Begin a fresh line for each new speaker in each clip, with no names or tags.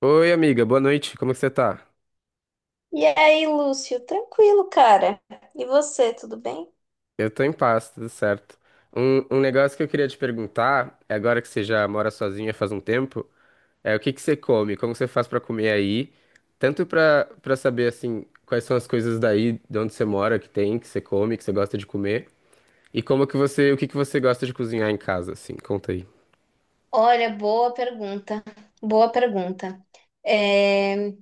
Oi, amiga, boa noite, como é que você tá?
E aí, Lúcio? Tranquilo, cara. E você, tudo bem?
Eu tô em paz, tudo certo. Um negócio que eu queria te perguntar, agora que você já mora sozinha faz um tempo, é o que que você come, como você faz pra comer aí, tanto pra saber, assim, quais são as coisas daí, de onde você mora, que tem, que você come, que você gosta de comer, e como que você, o que que você gosta de cozinhar em casa, assim, conta aí.
Olha, boa pergunta, boa pergunta. É,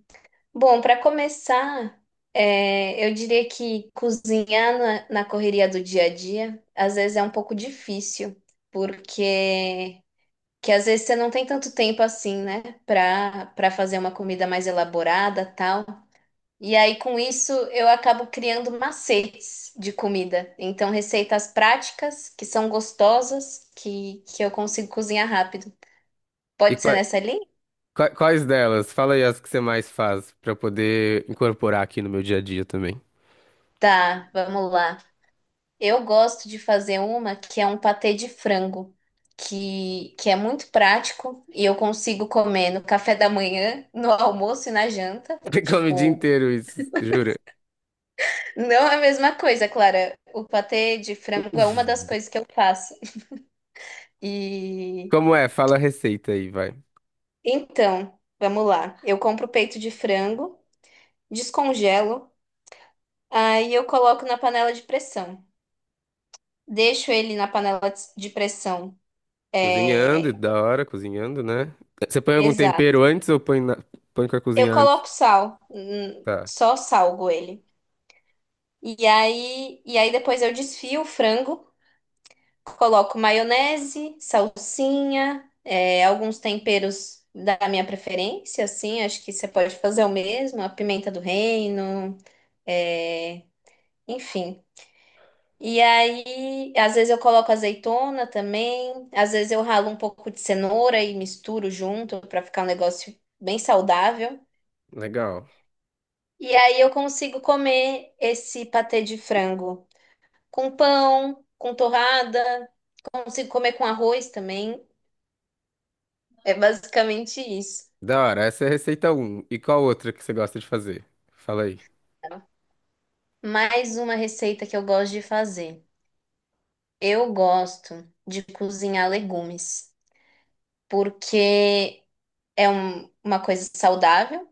Bom, para começar, eu diria que cozinhar na correria do dia a dia às vezes é um pouco difícil, porque que às vezes você não tem tanto tempo assim, né, para fazer uma comida mais elaborada, tal. E aí, com isso, eu acabo criando macetes de comida. Então, receitas práticas, que são gostosas, que eu consigo cozinhar rápido.
E
Pode ser nessa linha?
quais delas? Fala aí as que você mais faz, pra eu poder incorporar aqui no meu dia a dia também.
Tá, vamos lá. Eu gosto de fazer uma que é um patê de frango, que é muito prático e eu consigo comer no café da manhã, no almoço e na janta.
Você come o dia
Tipo,
inteiro isso, jura?
não é a mesma coisa, Clara. O patê de frango é uma das coisas que eu faço. E.
Como é? Fala a receita aí, vai.
Então, vamos lá. Eu compro peito de frango, descongelo, aí eu coloco na panela de pressão. Deixo ele na panela de pressão. É,
Cozinhando, da hora, cozinhando, né? Você põe algum tempero
exato.
antes ou põe, na... põe pra
Eu
cozinhar antes?
coloco sal,
Tá,
só salgo ele. E aí depois eu desfio o frango, coloco maionese, salsinha, alguns temperos da minha preferência, assim, acho que você pode fazer o mesmo, a pimenta do reino, é, enfim. E aí, às vezes eu coloco azeitona também, às vezes eu ralo um pouco de cenoura e misturo junto para ficar um negócio bem saudável.
legal.
E aí eu consigo comer esse patê de frango com pão, com torrada, consigo comer com arroz também. É basicamente isso.
Da hora, essa é a receita um. E qual outra que você gosta de fazer? Fala aí.
Mais uma receita que eu gosto de fazer. Eu gosto de cozinhar legumes, porque uma coisa saudável.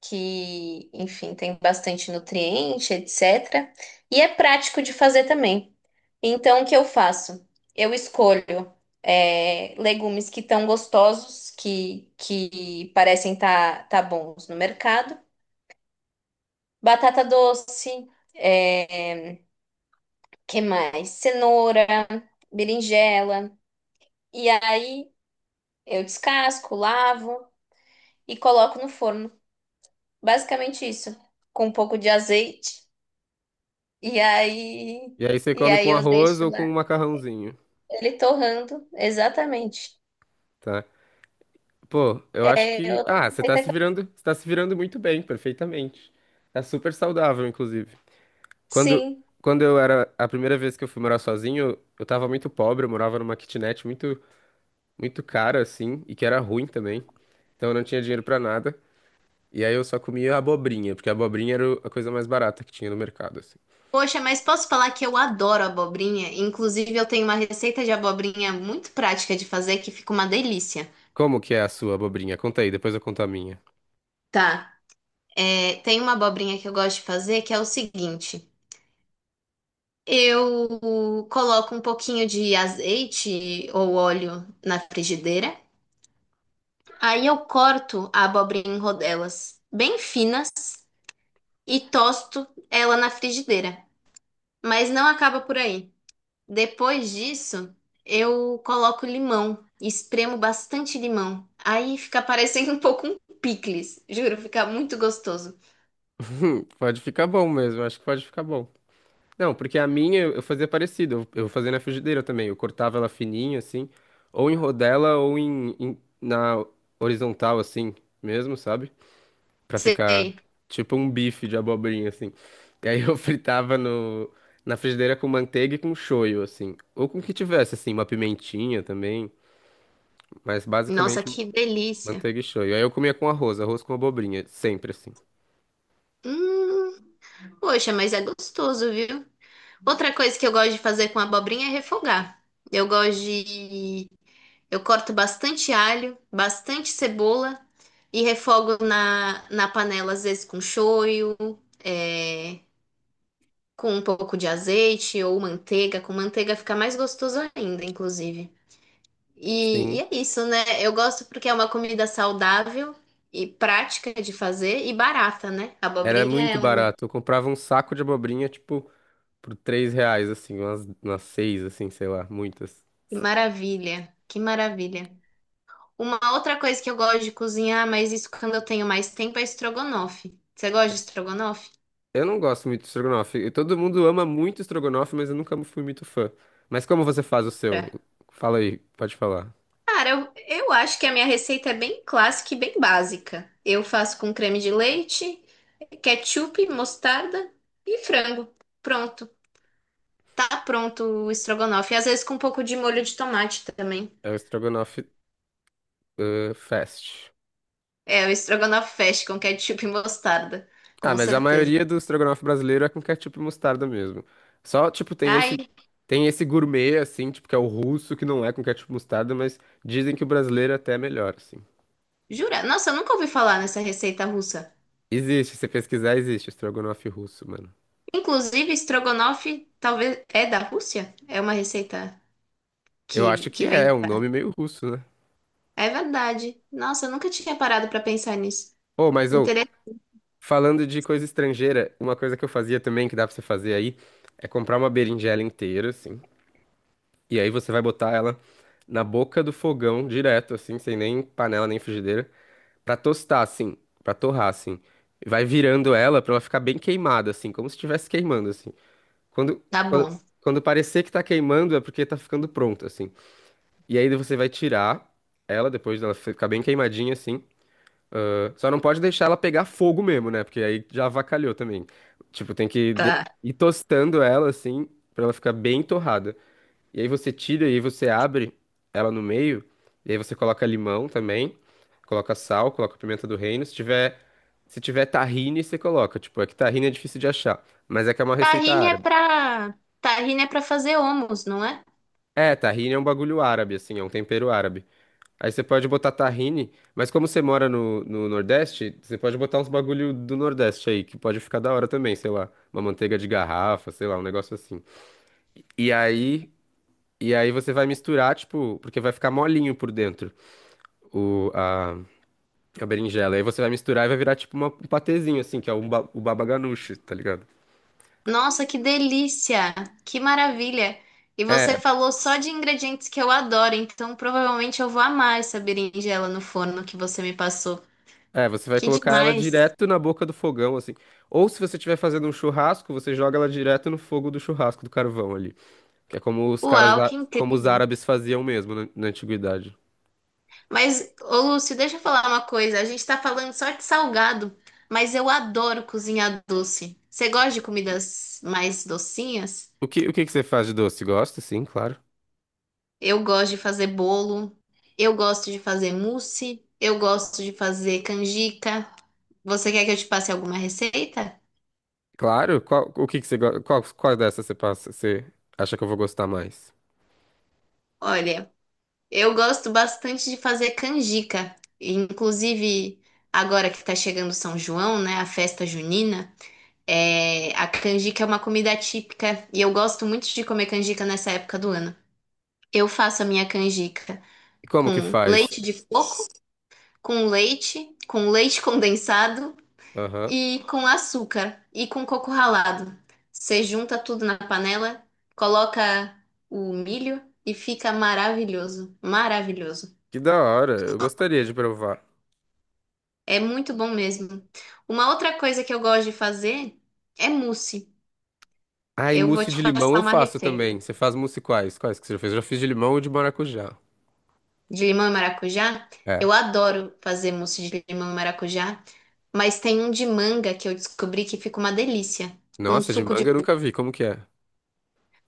Que, enfim, tem bastante nutriente, etc. E é prático de fazer também. Então, o que eu faço? Eu escolho legumes que estão gostosos, que parecem tá bons no mercado. Batata doce, é, que mais? Cenoura, berinjela. E aí eu descasco, lavo e coloco no forno. Basicamente isso, com um pouco de azeite. E aí,
E aí você
e
come
aí
com
eu
arroz
deixo
ou com um
lá,
macarrãozinho,
ele torrando, exatamente.
tá? Pô, eu acho
É
que...
outra
Ah, você tá
receita
se
que eu...
virando, você tá se virando muito bem, perfeitamente. Tá super saudável, inclusive. Quando,
Sim.
quando eu era... A primeira vez que eu fui morar sozinho, eu tava muito pobre, eu morava numa kitnet muito muito cara assim e que era ruim também. Então eu não tinha dinheiro pra nada. E aí eu só comia abobrinha, porque a abobrinha era a coisa mais barata que tinha no mercado, assim.
Poxa, mas posso falar que eu adoro abobrinha? Inclusive, eu tenho uma receita de abobrinha muito prática de fazer que fica uma delícia.
Como que é a sua abobrinha? Conta aí, depois eu conto a minha.
Tá. É, tem uma abobrinha que eu gosto de fazer que é o seguinte: eu coloco um pouquinho de azeite ou óleo na frigideira, aí eu corto a abobrinha em rodelas bem finas e tosto ela na frigideira. Mas não acaba por aí. Depois disso, eu coloco limão, espremo bastante limão. Aí fica parecendo um pouco um picles, juro, fica muito gostoso.
Pode ficar bom mesmo, acho que pode ficar bom. Não, porque a minha eu fazia parecido, eu fazia na frigideira também. Eu cortava ela fininha, assim, ou em rodela ou na horizontal, assim, mesmo, sabe? Pra ficar
Sei.
tipo um bife de abobrinha, assim. E aí eu fritava no, na frigideira com manteiga e com shoyu, assim. Ou com o que tivesse, assim, uma pimentinha também. Mas
Nossa,
basicamente
que delícia.
manteiga e shoyu. Aí eu comia com arroz, arroz com abobrinha, sempre assim.
Hum, poxa, mas é gostoso, viu? Outra coisa que eu gosto de fazer com abobrinha é refogar. Eu gosto de. Eu corto bastante alho, bastante cebola e refogo na panela, às vezes com shoyu, é, com um pouco de azeite ou manteiga. Com manteiga fica mais gostoso ainda, inclusive. E
Sim,
é isso, né? Eu gosto porque é uma comida saudável e prática de fazer e barata, né?
era
Abobrinha é
muito
uma.
barato. Eu comprava um saco de abobrinha, tipo, por R$ 3, assim, umas, umas seis, assim, sei lá, muitas.
Que maravilha, que maravilha. Uma outra coisa que eu gosto de cozinhar, mas isso quando eu tenho mais tempo, é estrogonofe. Você gosta de estrogonofe?
Eu não gosto muito de estrogonofe. E todo mundo ama muito estrogonofe, mas eu nunca fui muito fã. Mas como você faz o seu?
É.
Fala aí, pode falar.
Cara, eu acho que a minha receita é bem clássica e bem básica. Eu faço com creme de leite, ketchup, mostarda e frango. Pronto. Tá pronto o estrogonofe. Às vezes com um pouco de molho de tomate também.
É o estrogonofe fast.
É, o estrogonofe fecha com ketchup e mostarda.
Ah,
Com
mas a
certeza.
maioria do estrogonofe brasileiro é com ketchup e mostarda mesmo. Só, tipo,
Ai,
tem esse gourmet, assim, tipo, que é o russo, que não é com ketchup e mostarda, mas dizem que o brasileiro até é melhor, assim.
jura? Nossa, eu nunca ouvi falar nessa receita russa.
Existe, se pesquisar, existe estrogonofe russo, mano.
Inclusive, estrogonofe talvez é da Rússia? É uma receita
Eu acho que
que
é,
vem
é um
da...
nome meio russo, né?
É verdade. Nossa, eu nunca tinha parado pra pensar nisso.
Ô, mas, ô,
Interessante.
falando de coisa estrangeira, uma coisa que eu fazia também, que dá pra você fazer aí, é comprar uma berinjela inteira, assim. E aí você vai botar ela na boca do fogão direto, assim, sem nem panela nem frigideira, pra tostar, assim, pra torrar, assim. E vai virando ela pra ela ficar bem queimada, assim, como se estivesse queimando, assim. Quando,
Tá
quando,
bom.
quando parecer que tá queimando é porque tá ficando pronto, assim. E aí você vai tirar ela depois dela ficar bem queimadinha, assim. Só não pode deixar ela pegar fogo mesmo, né? Porque aí já avacalhou também. Tipo, tem que
Tá.
ir tostando ela, assim, pra ela ficar bem torrada. E aí você tira e aí você abre ela no meio. E aí você coloca limão também, coloca sal, coloca pimenta do reino. Se tiver, se tiver tahine, você coloca. Tipo, é que tahine é difícil de achar, mas é que é uma receita
Tahine é
árabe.
pra tahine é pra fazer hummus, não é?
É, tahine é um bagulho árabe, assim, é um tempero árabe. Aí você pode botar tahine, mas como você mora no, no Nordeste, você pode botar uns bagulho do Nordeste aí, que pode ficar da hora também, sei lá, uma manteiga de garrafa, sei lá, um negócio assim. E aí, e aí você vai misturar, tipo, porque vai ficar molinho por dentro. o, a, a berinjela. Aí você vai misturar e vai virar tipo um patezinho, assim, que é o, o baba ganoush, tá ligado?
Nossa, que delícia! Que maravilha! E
É,
você falou só de ingredientes que eu adoro, então provavelmente eu vou amar essa berinjela no forno que você me passou.
é, você vai
Que
colocar ela
demais!
direto na boca do fogão, assim. Ou se você estiver fazendo um churrasco, você joga ela direto no fogo do churrasco, do carvão ali. Que é como os caras,
Uau, que
como os
incrível!
árabes faziam mesmo na, na antiguidade.
Mas, ô Lúcio, deixa eu falar uma coisa. A gente tá falando só de salgado, mas eu adoro cozinhar doce. Você gosta de comidas mais docinhas?
O que que você faz de doce? Gosta? Sim, claro.
Eu gosto de fazer bolo, eu gosto de fazer mousse, eu gosto de fazer canjica. Você quer que eu te passe alguma receita?
Claro? Qual, o que que você, qual, qual dessas você passa, você acha que eu vou gostar mais?
Olha, eu gosto bastante de fazer canjica. Inclusive, agora que tá chegando São João, né, a festa junina. É, a canjica é uma comida típica e eu gosto muito de comer canjica nessa época do ano. Eu faço a minha canjica
E como que
com
faz?
leite de coco, com leite condensado
Aham.
e com açúcar e com coco ralado. Você junta tudo na panela, coloca o milho e fica maravilhoso, maravilhoso.
Que da hora, eu gostaria de provar.
É muito bom mesmo. Uma outra coisa que eu gosto de fazer é mousse.
Ah, e
Eu vou
mousse
te
de limão
passar
eu
uma
faço também.
receita
Você faz mousse quais? Quais que você já fez? Eu já fiz de limão ou de maracujá.
de limão e maracujá.
É.
Eu adoro fazer mousse de limão e maracujá, mas tem um de manga que eu descobri que fica uma delícia, com um
Nossa, de
suco de
manga eu
manga.
nunca vi. Como que é?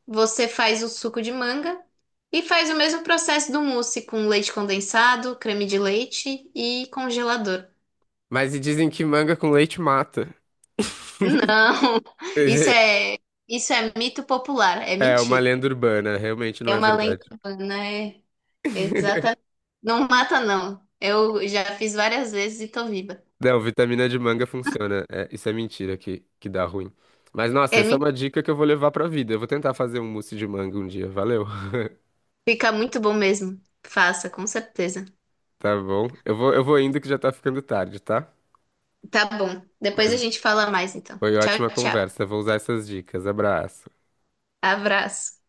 Você faz o suco de manga e faz o mesmo processo do mousse com leite condensado, creme de leite e congelador.
Mas e dizem que manga com leite mata.
Não,
Pois
isso
é,
é isso é mito popular, é
é uma
mentira.
lenda urbana, realmente não
É
é
uma lenda
verdade.
urbana, é exatamente. Não mata não. Eu já fiz várias vezes e tô viva.
Não, vitamina de manga funciona. É, isso é mentira que dá ruim. Mas nossa,
É,
essa é uma dica que eu vou levar pra vida. Eu vou tentar fazer um mousse de manga um dia. Valeu.
fica muito bom mesmo. Faça, com certeza.
Tá bom. Eu vou indo que já tá ficando tarde, tá?
Tá bom. Depois a
Mas
gente fala mais, então.
foi
Tchau,
ótima
tchau.
conversa. Vou usar essas dicas. Abraço.
Abraço.